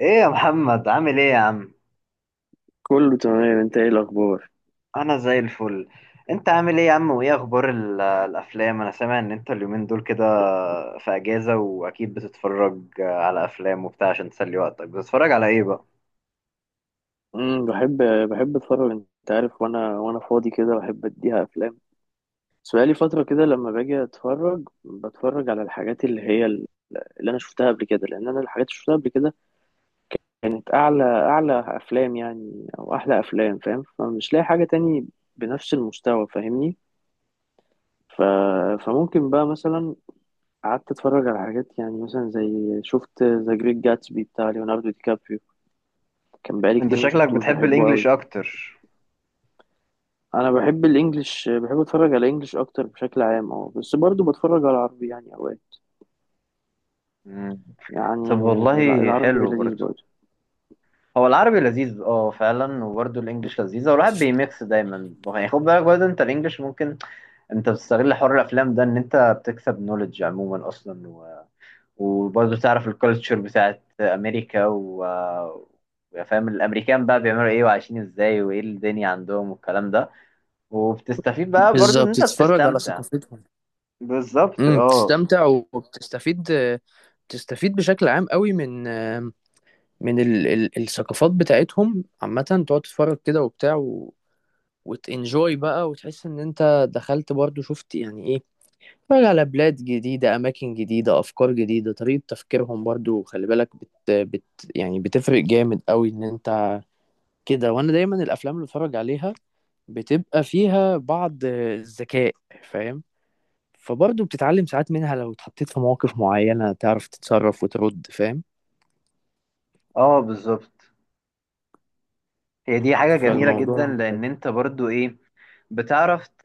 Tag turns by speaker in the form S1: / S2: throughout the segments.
S1: ايه يا محمد، عامل ايه يا عم؟
S2: كله تمام، انت ايه الاخبار؟
S1: انا زي الفل. انت عامل ايه يا عم، وايه اخبار الافلام؟ انا سامع ان انت اليومين دول كده في اجازة، واكيد بتتفرج على افلام وبتاع عشان تسلي وقتك. بتتفرج على ايه بقى؟
S2: امم بحب بحب اتفرج، انت عارف، وانا فاضي كده بحب اديها افلام. بس بقالي فتره كده لما باجي اتفرج بتفرج على الحاجات اللي هي اللي انا شفتها قبل كده، لان انا الحاجات اللي شفتها قبل كده كانت اعلى اعلى افلام يعني او احلى افلام، فاهم؟ فمش لاقي حاجه تاني بنفس المستوى، فاهمني؟ ف... فممكن بقى مثلا قعدت اتفرج على حاجات، يعني مثلا زي شفت ذا جريت جاتسبي بتاع ليوناردو دي كابريو. كان بقالي
S1: انت
S2: كتير ما
S1: شكلك
S2: شفتوش،
S1: بتحب
S2: بحبه
S1: الانجليش
S2: قوي.
S1: اكتر.
S2: انا بحب الانجليش، بحب اتفرج على الانجليش اكتر بشكل عام، اه. بس برضو بتفرج على العربي يعني اوقات.
S1: مم. طب
S2: يعني، لا
S1: والله
S2: العربي
S1: حلو
S2: لذيذ
S1: برضه.
S2: برضو.
S1: هو العربي لذيذ، اه فعلا، وبرضه الانجليش لذيذة، والواحد بيميكس دايما. يعني خد بالك برضه، انت الانجليش ممكن انت بتستغل حوار الافلام ده ان انت بتكسب نوليدج عموما اصلا، وبرضه تعرف الكالتشر بتاعت امريكا، و فاهم، الامريكان بقى بيعملوا ايه وعايشين ازاي وايه الدنيا عندهم والكلام ده، وبتستفيد بقى برضه ان
S2: بالظبط،
S1: انت
S2: تتفرج على
S1: بتستمتع.
S2: ثقافتهم.
S1: بالظبط، اه.
S2: تستمتع وبتستفيد، بتستفيد بشكل عام قوي من الثقافات بتاعتهم عامة. تقعد تتفرج كده وبتاع وتنجوي بقى، وتحس ان انت دخلت برضو، شفت يعني إيه. اتفرج على بلاد جديدة، أماكن جديدة، أفكار جديدة، طريقة تفكيرهم برضو، خلي بالك. يعني بتفرق جامد قوي إن أنت كده. وأنا دايما الأفلام اللي بتفرج عليها بتبقى فيها بعض الذكاء، فاهم؟ فبرضو بتتعلم ساعات منها، لو اتحطيت في مواقف معينة تعرف تتصرف وترد، فاهم؟
S1: اه بالظبط. هي دي حاجة جميلة جدا،
S2: فالموضوع.
S1: لأن أنت برضو إيه، بتعرف ت...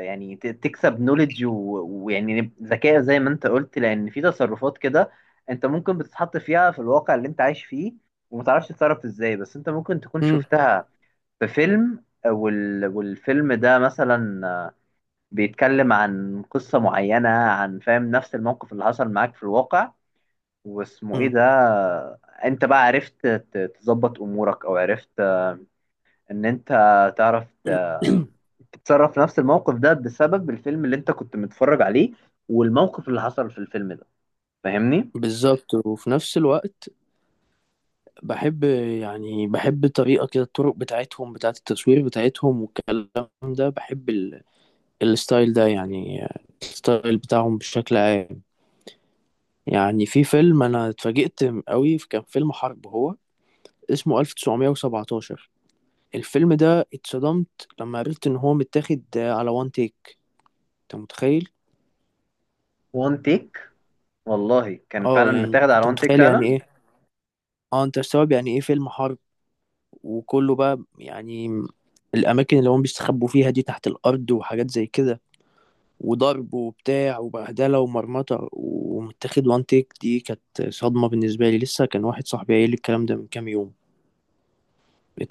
S1: يعني تكسب نوليدج ويعني ذكاء، زي ما أنت قلت، لأن في تصرفات كده أنت ممكن بتتحط فيها في الواقع اللي أنت عايش فيه، ومتعرفش تتصرف إزاي، بس أنت ممكن تكون
S2: مم.
S1: شفتها في فيلم، والفيلم ده مثلا بيتكلم عن قصة معينة، عن، فاهم، نفس الموقف اللي حصل معاك في الواقع، واسمه ايه
S2: مم.
S1: ده، انت بقى عرفت تظبط امورك، او عرفت، ان انت تعرف ت- تتصرف في نفس الموقف ده بسبب الفيلم اللي انت كنت متفرج عليه والموقف اللي حصل في الفيلم ده. فاهمني؟
S2: بالظبط. وفي نفس الوقت بحب، يعني بحب الطريقة كده، الطرق بتاعتهم بتاعت التصوير بتاعتهم والكلام ده. بحب الستايل ده يعني، الستايل بتاعهم بشكل عام. يعني في فيلم انا اتفاجئت قوي، كان فيلم حرب، هو اسمه 1917. الفيلم ده اتصدمت لما عرفت ان هو متاخد على وان تيك، انت متخيل؟
S1: وان تيك؟ والله كان فعلا
S2: اه يعني
S1: متاخد على
S2: انت
S1: وان تيك
S2: متخيل يعني
S1: فعلا.
S2: ايه. اه، انت مستوعب يعني ايه فيلم حرب، وكله بقى يعني الاماكن اللي هم بيستخبوا فيها دي تحت الارض وحاجات زي كده، وضرب وبتاع وبهدلة ومرمطة، ومتاخد وان تيك. دي كانت صدمة بالنسبة لي، لسه كان واحد صاحبي قايل لي الكلام ده من كام يوم.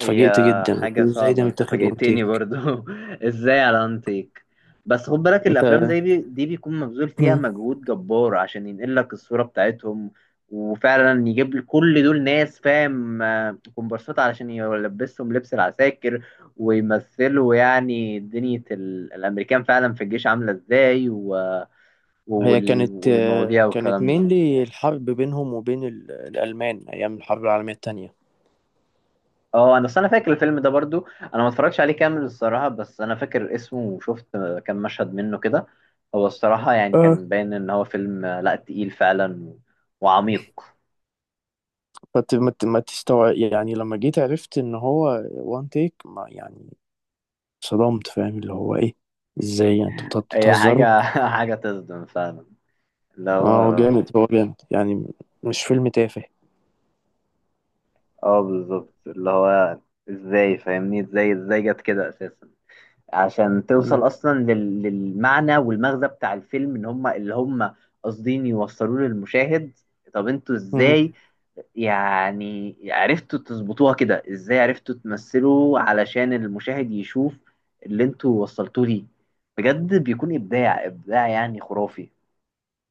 S1: هي
S2: جدا، قلت
S1: حاجة
S2: له ازاي ده
S1: صعبة، انت
S2: متاخد وان
S1: فاجئتني
S2: تيك،
S1: برضو ازاي على انتيك؟ بس خد بالك،
S2: انت.
S1: الافلام زي دي دي بيكون مبذول فيها
S2: مم.
S1: مجهود جبار عشان ينقل لك الصورة بتاعتهم، وفعلا يجيب لك كل دول ناس، فاهم، كومبارسات علشان يلبسهم لبس العساكر ويمثلوا يعني دنيا الامريكان فعلا في الجيش عاملة ازاي،
S2: هي كانت
S1: والمواضيع
S2: كانت
S1: والكلام ده.
S2: مينلي الحرب بينهم وبين الألمان أيام الحرب العالمية التانية.
S1: اه انا اصل انا فاكر الفيلم ده برضو، انا ما اتفرجتش عليه كامل الصراحه، بس انا فاكر اسمه وشفت كام مشهد منه كده. هو الصراحه يعني
S2: اه،
S1: كان باين ان هو فيلم لا تقيل فعلا وعميق.
S2: ما تستوعب يعني، لما جيت عرفت ان هو وان تيك، ما يعني، صدمت، فاهم اللي هو ايه؟ ازاي يعني انتوا
S1: هي
S2: بتهزروا؟
S1: حاجه حاجه تصدم فعلا، اللي
S2: اه، هو جامد
S1: هو،
S2: هو جامد، يعني مش فيلم تافه.
S1: اه بالظبط، اللي هو ازاي، فاهمني، ازاي ازاي جت كده اساسا عشان
S2: مم.
S1: توصل اصلا للمعنى والمغزى بتاع الفيلم ان هم اللي هم قاصدين يوصلوه للمشاهد. طب انتوا
S2: مم.
S1: ازاي يعني عرفتوا تظبطوها كده؟ ازاي عرفتوا تمثلوا علشان المشاهد يشوف اللي انتوا وصلتوه ليه؟ بجد بيكون ابداع، ابداع يعني خرافي.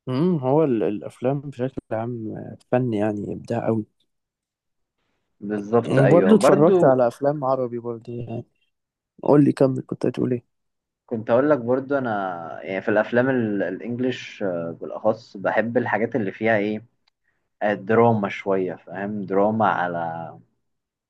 S2: مم. هو الافلام بشكل عام فن، يعني ابداع قوي.
S1: بالظبط
S2: برضه
S1: ايوه
S2: اتفرجت
S1: برضو.
S2: على افلام عربي برضه، يعني قول لي كمل، كنت هتقول ايه؟
S1: كنت اقول لك برضو انا، يعني في الافلام الانجليش، بالاخص بحب الحاجات اللي فيها ايه، دراما شوية، فاهم، دراما على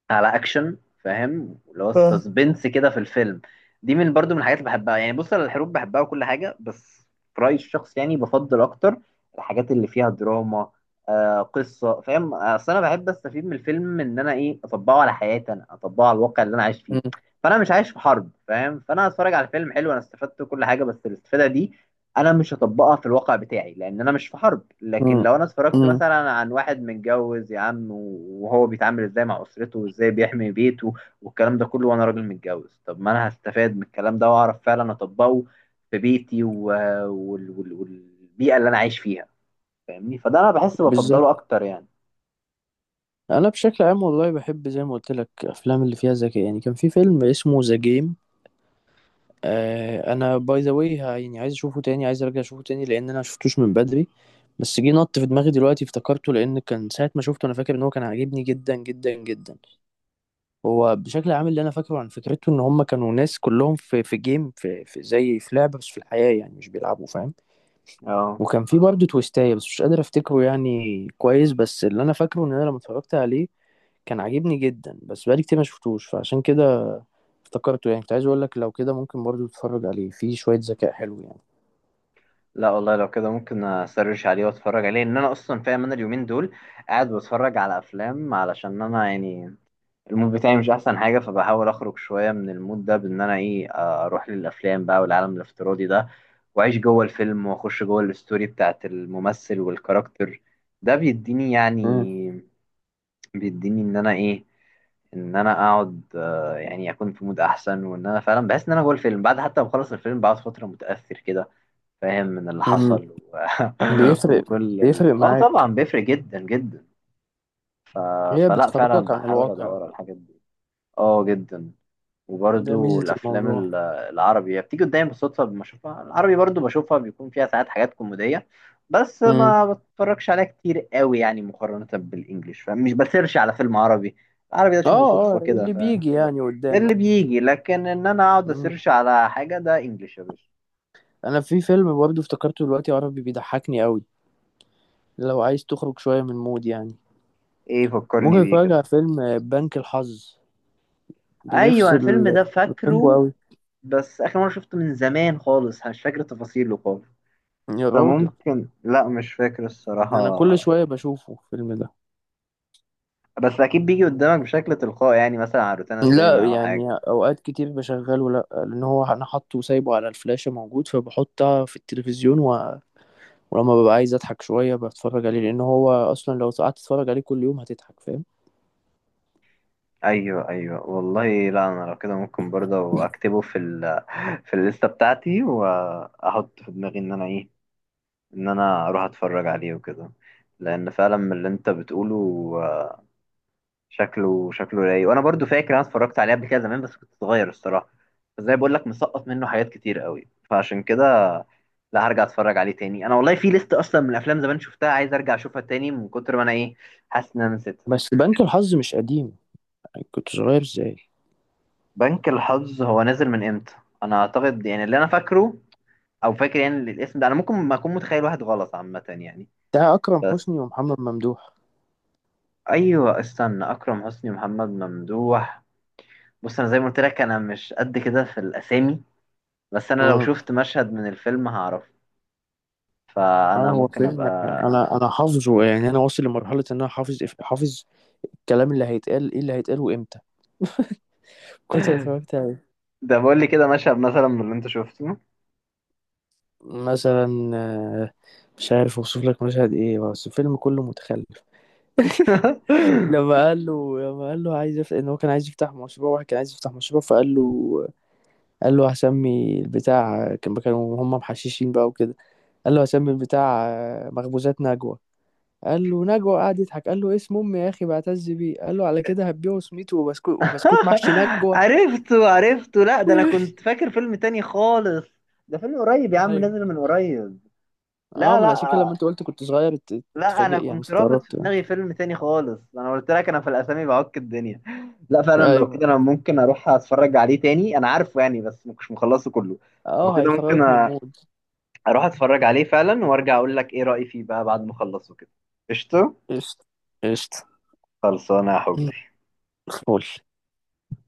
S1: على اكشن، فاهم، اللي هو
S2: آه.
S1: السسبنس كده في الفيلم، دي من برضو من الحاجات اللي بحبها. يعني بص، انا الحروب بحبها وكل حاجه، بس في رايي الشخصي يعني بفضل اكتر الحاجات اللي فيها دراما، آه قصه، فاهم، اصل انا بحب استفيد من الفيلم ان انا ايه، اطبقه على حياتي، انا اطبقه على الواقع اللي انا عايش فيه.
S2: مم.
S1: فانا مش عايش في حرب، فاهم، فانا هتفرج على فيلم حلو، انا استفدت كل حاجه، بس الاستفاده دي انا مش هطبقها في الواقع بتاعي لان انا مش في حرب. لكن
S2: مم.
S1: لو انا اتفرجت
S2: مم.
S1: مثلا عن واحد متجوز يا عم، وهو بيتعامل ازاي مع اسرته وازاي بيحمي بيته والكلام ده كله، وانا راجل متجوز، طب ما انا هستفاد من الكلام ده واعرف فعلا اطبقه في بيتي، والبيئة اللي انا عايش فيها. فاهمني؟ فده انا بحس بفضله
S2: بالظبط.
S1: اكتر يعني.
S2: انا بشكل عام والله بحب، زي ما قلت لك، افلام اللي فيها ذكاء. يعني كان في فيلم اسمه ذا جيم. آه، انا باي ذا واي يعني، عايز اشوفه تاني، عايز ارجع اشوفه تاني، لان انا شفتوش من بدري، بس جه نط في دماغي دلوقتي افتكرته. لان كان ساعه ما شفته انا فاكر ان هو كان عاجبني جدا جدا جدا. هو بشكل عام اللي انا فاكره عن فكرته ان هم كانوا ناس كلهم في جيم في زي في لعبه، بس في الحياه يعني مش بيلعبوا، فاهم؟
S1: اه.
S2: وكان في برضه تويستايه، بس مش قادر افتكره يعني كويس، بس اللي انا فاكره ان انا لما اتفرجت عليه كان عاجبني جدا. بس بقالي كتير ما شفتوش، فعشان كده افتكرته، يعني كنت عايز اقول لك لو كده ممكن برضه تتفرج عليه، فيه شويه ذكاء حلو يعني.
S1: لا والله لو كده ممكن اسرش عليه واتفرج عليه، ان انا اصلا، فاهم، انا اليومين دول قاعد بتفرج على افلام علشان انا يعني المود بتاعي مش احسن حاجه، فبحاول اخرج شويه من المود ده بان انا ايه، اروح للافلام بقى والعالم الافتراضي ده واعيش جوه الفيلم واخش جوه الستوري بتاعت الممثل والكاركتر. ده بيديني
S2: امم
S1: يعني، بيديني ان انا ايه، ان انا اقعد، يعني اكون في مود احسن، وان انا فعلا بحس ان انا جوه الفيلم. بعد حتى ما اخلص الفيلم بقعد فتره متاثر كده، فاهم، من اللي
S2: امم
S1: حصل
S2: بيفرق بيفرق
S1: اه طبعا
S2: معاك.
S1: بيفرق جدا جدا. ف...
S2: هي
S1: فلا
S2: بتخرجك
S1: فعلا
S2: عن
S1: هحاول
S2: الواقع.
S1: ادور على الحاجات دي. اه جدا.
S2: ده
S1: وبرضو
S2: ميزه
S1: الافلام
S2: الموضوع.
S1: العربي هي بتيجي قدامي بالصدفه، لما اشوفها العربي برضو بشوفها بيكون فيها ساعات حاجات كوميديه، بس
S2: امم
S1: ما بتفرجش عليها كتير قوي يعني مقارنه بالانجليش، فاهم، مش بسيرش على فيلم عربي. العربي ده اشوفه
S2: اه. اه،
S1: صدفه كده،
S2: اللي
S1: فاهم،
S2: بيجي يعني
S1: ده اللي
S2: قدامك.
S1: بيجي. لكن ان انا اقعد اسيرش على حاجه، ده انجليش يا باشا.
S2: انا في فيلم برضه افتكرته دلوقتي عربي بيضحكني قوي، لو عايز تخرج شويه من المود يعني،
S1: ايه؟
S2: ممكن
S1: فكرني بيه
S2: اتفرج
S1: كده.
S2: على فيلم بنك الحظ.
S1: ايوه، الفيلم
S2: بيفصل،
S1: ده
S2: بحبه
S1: فاكره،
S2: قوي.
S1: بس اخر مره شفته من زمان خالص، مش فاكر تفاصيله خالص.
S2: يا راجل،
S1: فممكن، لا مش فاكر
S2: انا كل
S1: الصراحه،
S2: شويه بشوفه الفيلم ده.
S1: بس اكيد بيجي قدامك بشكل تلقائي يعني، مثلا على روتانا
S2: لا
S1: سيما او حاجه.
S2: يعني، اوقات كتير بشغله، لا لان هو انا حاطه وسايبه على الفلاشه موجود، فبحطها في التلفزيون ولما ببقى عايز اضحك شويه بتفرج عليه، لان هو اصلا لو قعدت تتفرج عليه كل يوم هتضحك، فاهم؟
S1: ايوه ايوه والله. لا انا لو كده ممكن برضه اكتبه في ال في الليسته بتاعتي، واحط في دماغي ان انا ايه، ان انا اروح اتفرج عليه وكده، لان فعلا من اللي انت بتقوله، آه، شكله، شكله رايق، وانا برضه فاكر انا اتفرجت عليه قبل كده زمان بس كنت صغير الصراحه. بس زي بقول لك، مسقط منه حاجات كتير قوي، فعشان كده لا هرجع اتفرج عليه تاني. انا والله في ليست اصلا من افلام زمان شفتها عايز ارجع اشوفها تاني من كتر ما انا ايه، حاسس ان انا نسيتها.
S2: بس بنك الحظ مش قديم، يعني كنت صغير ازاي؟
S1: بنك الحظ هو نازل من امتى؟ انا اعتقد يعني اللي انا فاكره، او فاكر يعني الاسم ده، انا ممكن ما اكون متخيل واحد غلط، عامه يعني.
S2: بتاع اكرم
S1: بس،
S2: حسني ومحمد ممدوح.
S1: ايوه، استنى، اكرم حسني ومحمد ممدوح. بص انا زي ما قلت لك انا مش قد كده في الاسامي، بس انا لو شفت مشهد من الفيلم هعرف.
S2: اه،
S1: فانا
S2: هو
S1: ممكن
S2: فيلم
S1: ابقى
S2: انا حافظه، يعني انا واصل لمرحله ان انا حافظ حافظ الكلام اللي هيتقال، ايه اللي هيتقال وامتى. كنت اتفرجت عليه.
S1: ده بقول لي كده مشهد مثلا من اللي انت شفته.
S2: مثلا مش عارف اوصف لك مشهد ايه، بس الفيلم كله متخلف. لما قال له عايز يفتح، ان هو كان عايز يفتح مشروع، واحد كان عايز يفتح مشروع، فقال له، قال له هسمي البتاع، كانوا هم محششين بقى وكده، قال له هسمي البتاع مخبوزات نجوى. قال له نجوى، قعد يضحك، قال له اسم امي يا اخي بعتز بيه، قال له على كده هتبيعه سميته وبسكوت، وبسكوت محشي نجوى.
S1: عرفته، عرفته. لا، ده انا كنت فاكر فيلم تاني خالص. ده فيلم قريب يا عم،
S2: ايوه.
S1: نزل من قريب.
S2: اه،
S1: لا
S2: من عشان كده
S1: لا
S2: لما انت قلت كنت صغير
S1: لا انا
S2: اتفاجئت يعني
S1: كنت رابط في
S2: استغربت يعني.
S1: دماغي فيلم تاني خالص، انا قلت لك انا في الاسامي بعك الدنيا. لا فعلا لو
S2: ايوه.
S1: كده انا ممكن اروح اتفرج عليه تاني، انا عارفه يعني بس مش مخلصه كله. لو
S2: اه،
S1: كده ممكن
S2: هيخرجك من المود.
S1: اروح اتفرج عليه فعلا، وارجع اقول لك ايه رأيي فيه بقى بعد ما اخلصه كده. قشطه.
S2: قشطة. قشطة.
S1: خلصانه يا حبي
S2: قول.